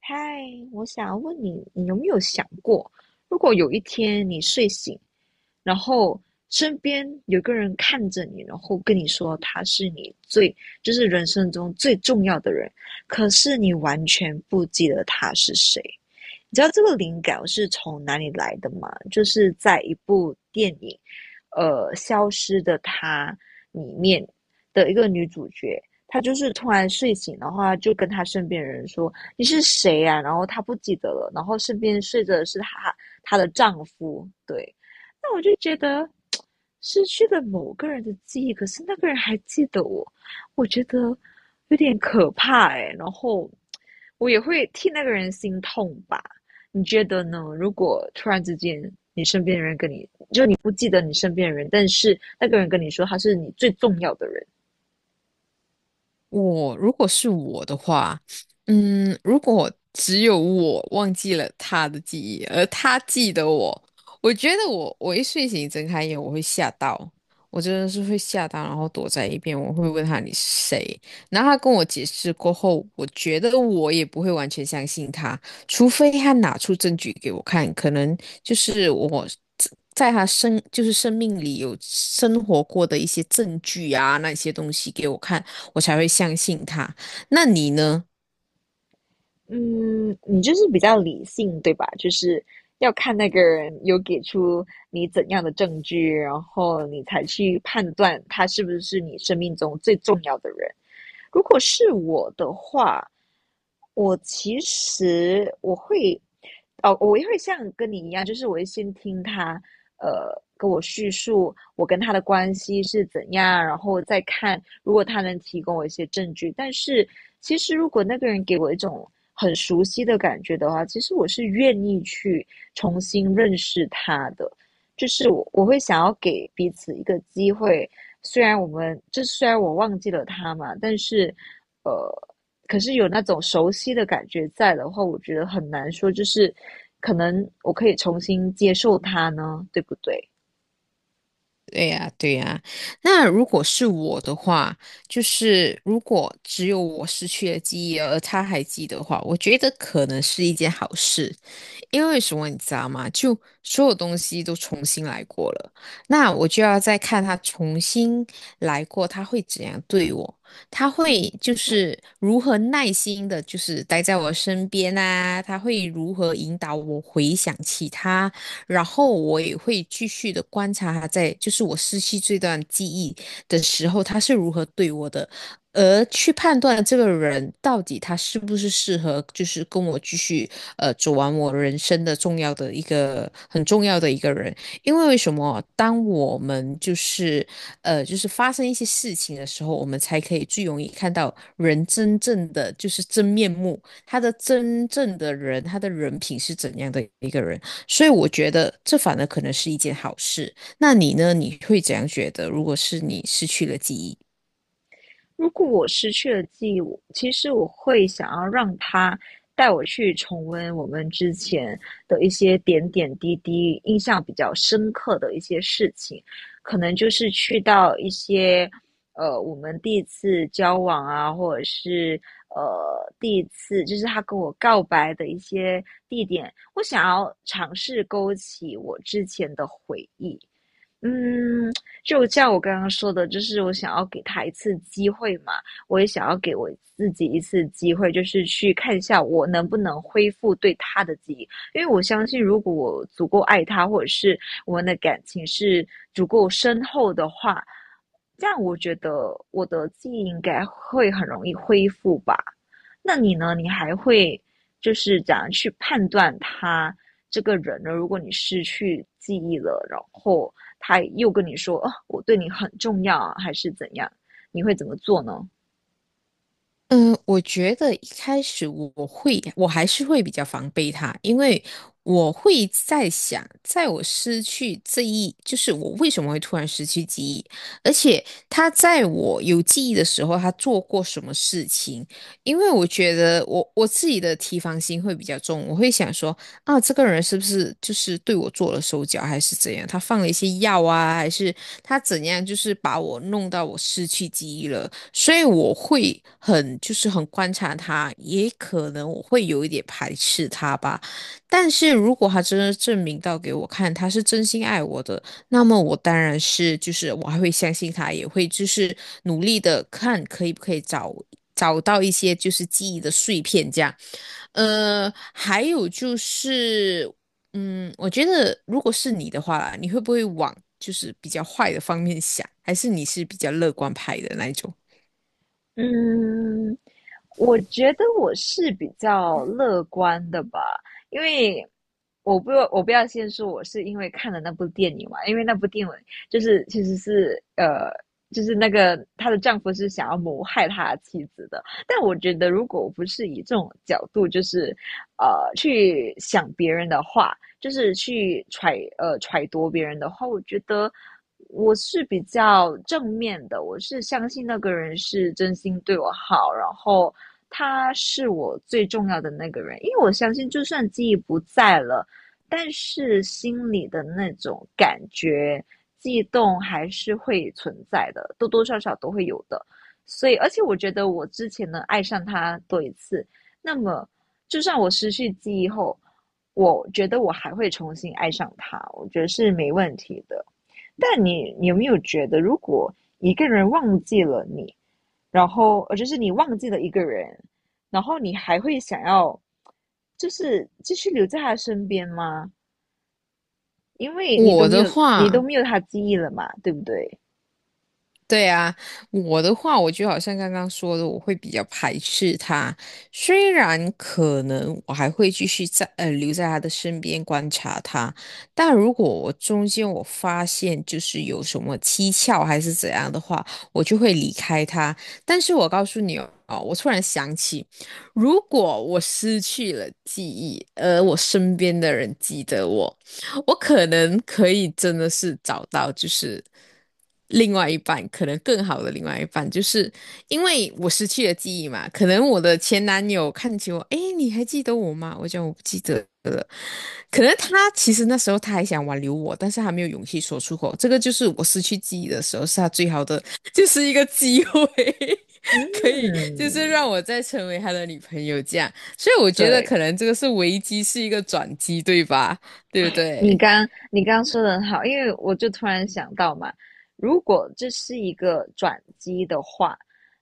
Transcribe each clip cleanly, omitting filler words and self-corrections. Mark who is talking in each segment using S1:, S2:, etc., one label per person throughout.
S1: 嗨，我想问你，你有没有想过，如果有一天你睡醒，然后身边有个人看着你，然后跟你说他是你最，就是人生中最重要的人，可是你完全不记得他是谁，你知道这个灵感是从哪里来的吗？就是在一部电影，《消失的她》里面的一个女主角，她就是突然睡醒，的话，就跟她身边的人说："你是谁啊？"然后她不记得了，然后身边睡着的是她的丈夫。对，那我就觉得失去了某个人的记忆，可是那个人还记得我，我觉得有点可怕然后我也会替那个人心痛吧。你觉得呢？如果突然之间你身边的人跟你，你不记得你身边的人，但是那个人跟你说他是你最重要的人。
S2: 我如果是我的话，嗯，如果只有我忘记了他的记忆，而他记得我，我觉得我一睡醒睁开眼，我会吓到，我真的是会吓到，然后躲在一边，我会问他你是谁，然后他跟我解释过后，我觉得我也不会完全相信他，除非他拿出证据给我看，可能就是我在在他生就是生命里有生活过的一些证据啊，那些东西给我看。我才会相信他。那你呢？
S1: 嗯，你就是比较理性，对吧？就是要看那个人有给出你怎样的证据，然后你才去判断他是不是你生命中最重要的人。如果是我的话，我其实我会，哦，我也会像跟你一样，就是我会先听他，跟我叙述我跟他的关系是怎样，然后再看如果他能提供我一些证据。但是其实如果那个人给我一种很熟悉的感觉的话，其实我是愿意去重新认识他的，就是我会想要给彼此一个机会，虽然我忘记了他嘛，呃，可是有那种熟悉的感觉在的话，我觉得很难说，就是可能我可以重新接受他呢，对不对？
S2: 对呀，对呀。那如果是我的话，就是如果只有我失去了记忆，而他还记得的话，我觉得可能是一件好事。因为什么你知道吗？就所有东西都重新来过了，那我就要再看他重新来过，他会怎样对我？他会
S1: 嗯。
S2: 就是如何耐心的，就是待在我身边啊？他会如何引导我回想起他？然后我也会继续的观察他在，就是我失去这段记忆的时候，他是如何对我的，而去判断这个人到底他是不是适合，就是跟我继续走完我人生的重要的一个很重要的一个人。因为为什么？当我们就是发生一些事情的时候，我们才可以最容易看到人真正的就是真面目，他的真正的人，他的人品是怎样的一个人。所以我觉得这反而可能是一件好事。那你呢？你会怎样觉得？如果是你失去了记忆？
S1: 如果我失去了记忆，我其实我会想要让他带我去重温我们之前的一些点点滴滴，印象比较深刻的一些事情，可能就是去到一些我们第一次交往啊，或者是第一次就是他跟我告白的一些地点，我想要尝试勾起我之前的回忆。嗯，就像我刚刚说的，就是我想要给他一次机会嘛，我也想要给我自己一次机会，就是去看一下我能不能恢复对他的记忆，因为我相信，如果我足够爱他，或者是我们的感情是足够深厚的话，这样我觉得我的记忆应该会很容易恢复吧。那你呢？你还会就是怎样去判断他？这个人呢，如果你失去记忆了，然后他又跟你说，哦，我对你很重要啊，还是怎样，你会怎么做呢？
S2: 嗯，我觉得一开始我会，我还是会比较防备他，因为我会在想，在我失去这一，就是我为什么会突然失去记忆，而且他在我有记忆的时候，他做过什么事情？因为我觉得我自己的提防心会比较重，我会想说，啊，这个人是不是就是对我做了手脚，还是怎样？他放了一些药啊，还是他怎样？就是把我弄到我失去记忆了。所以我会很就是很观察他，也可能我会有一点排斥他吧。但是如果他真的证明到给我看他是真心爱我的，那么我当然是就是我还会相信他，也会就是努力的看可以不可以找到一些就是记忆的碎片这样。还有就是，嗯，我觉得如果是你的话啦你会不会往就是比较坏的方面想，还是你是比较乐观派的那一种？
S1: 嗯，我觉得我是比较乐观的吧，因为我不要先说我是因为看了那部电影嘛，因为那部电影就是其实是就是那个她的丈夫是想要谋害她妻子的，但我觉得如果不是以这种角度，就是去想别人的话，就是去揣度别人的话，我觉得我是比较正面的，我是相信那个人是真心对我好，然后他是我最重要的那个人，因为我相信就算记忆不在了，但是心里的那种感觉。悸动还是会存在的，多多少少都会有的。所以，而且我觉得我之前呢爱上他多一次，那么，就算我失去记忆后，我觉得我还会重新爱上他，我觉得是没问题的。但你有没有觉得，如果一个人忘记了你，然后就是你忘记了一个人，然后你还会想要，就是继续留在他身边吗？因为你都
S2: 我
S1: 没
S2: 的
S1: 有，你都
S2: 话。
S1: 没有他记忆了嘛，对不对？
S2: 对啊，我的话，我就好像刚刚说的，我会比较排斥他。虽然可能我还会继续在留在他的身边观察他，但如果我中间发现就是有什么蹊跷还是怎样的话，我就会离开他。但是我告诉你哦，哦我突然想起，如果我失去了记忆，而我身边的人记得我。我可能可以真的是找到，就是另外一半，可能更好的另外一半，就是因为我失去了记忆嘛，可能我的前男友看起我，诶，你还记得我吗？我讲我不记得了，可能他其实那时候他还想挽留我，但是他没有勇气说出口，这个就是我失去记忆的时候，是他最好的，就是一个机会。
S1: 嗯，
S2: 可以，就是让我再成为他的女朋友这样，所以我觉得
S1: 对。
S2: 可能这个是危机，是一个转机，对吧？对不
S1: 你
S2: 对？
S1: 刚你刚说的很好，因为我就突然想到嘛，如果这是一个转机的话，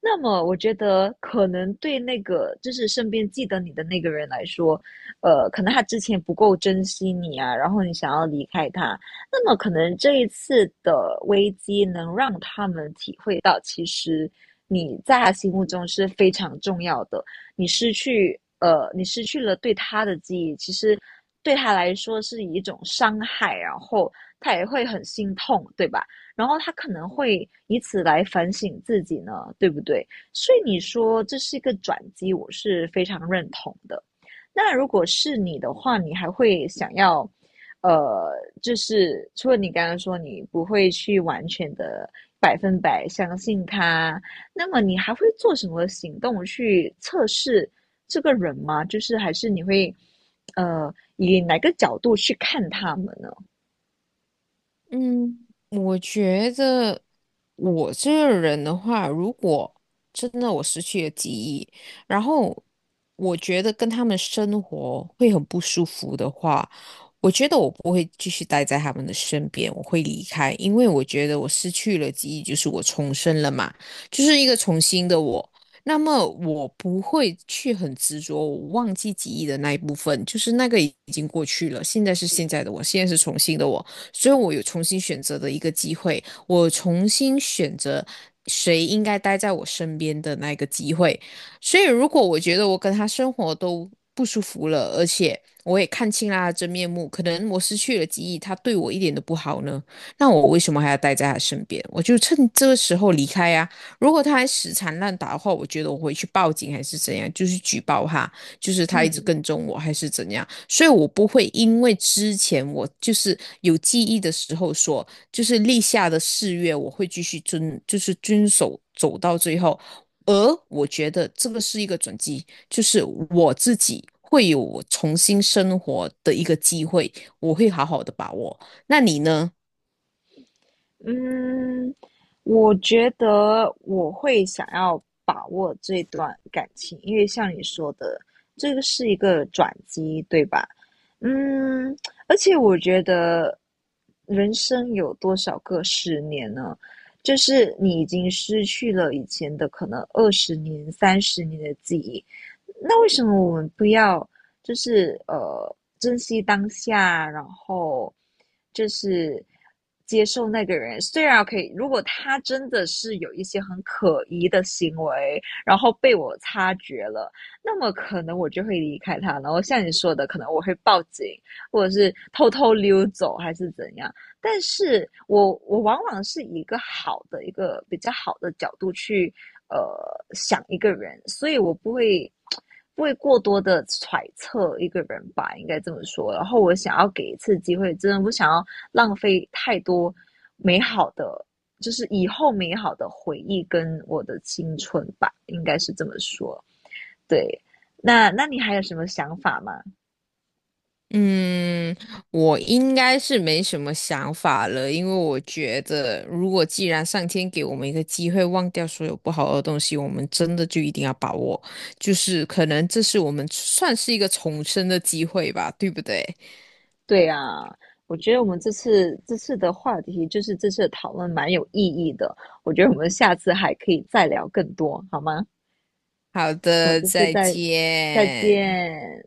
S1: 那么我觉得可能对那个就是身边记得你的那个人来说，可能他之前不够珍惜你啊，然后你想要离开他，那么可能这一次的危机能让他们体会到，其实你在他心目中是非常重要的，你失去了对他的记忆，其实对他来说是一种伤害，然后他也会很心痛，对吧？然后他可能会以此来反省自己呢，对不对？所以你说这是一个转机，我是非常认同的。那如果是你的话，你还会想要，呃，就是除了你刚刚说你不会去完全的百分百相信他，那么你还会做什么行动去测试这个人吗？就是还是你会，以哪个角度去看他们呢？
S2: 嗯，我觉得我这个人的话，如果真的我失去了记忆，然后我觉得跟他们生活会很不舒服的话，我觉得我不会继续待在他们的身边，我会离开，因为我觉得我失去了记忆，就是我重生了嘛，就是一个重新的我。那么我不会去很执着，我忘记记忆的那一部分，就是那个已经过去了，现在是现在的我，现在是重新的我。所以我有重新选择的一个机会，我重新选择谁应该待在我身边的那个机会。所以，如果我觉得我跟他生活都不舒服了，而且我也看清了他的真面目，可能我失去了记忆，他对我一点都不好呢，那我为什么还要待在他身边？我就趁这个时候离开呀、如果他还死缠烂打的话，我觉得我回去报警还是怎样，就是举报他。就是他一直
S1: 嗯
S2: 跟踪我还是怎样，所以我不会因为之前我就是有记忆的时候说，就是立下的誓约，我会继续遵，就是遵守走到最后。而我觉得这个是一个转机，就是我自己会有重新生活的一个机会，我会好好的把握。那你呢？
S1: 嗯，我觉得我会想要把握这段感情，因为像你说的，这个是一个转机，对吧？嗯，而且我觉得人生有多少个十年呢？就是你已经失去了以前的可能20年、30年的记忆，那为什么我们不要就是珍惜当下，然后就是接受那个人。虽然可以，如果他真的是有一些很可疑的行为，然后被我察觉了，那么可能我就会离开他。然后像你说的，可能我会报警，或者是偷偷溜走，还是怎样。但是我往往是以一个比较好的角度去呃想一个人，所以我不会过多的揣测一个人吧，应该这么说。然后我想要给一次机会，真的不想要浪费太多美好的，就是以后美好的回忆跟我的青春吧，应该是这么说。对，那你还有什么想法吗？
S2: 嗯，我应该是没什么想法了，因为我觉得，如果既然上天给我们一个机会，忘掉所有不好的东西，我们真的就一定要把握。就是可能这是我们算是一个重生的机会吧，对不对？
S1: 对呀，我觉得我们这次的话题就是这次的讨论蛮有意义的，我觉得我们下次还可以再聊更多，好吗？
S2: 好
S1: 我们
S2: 的，
S1: 这次
S2: 再
S1: 再再
S2: 见。
S1: 见。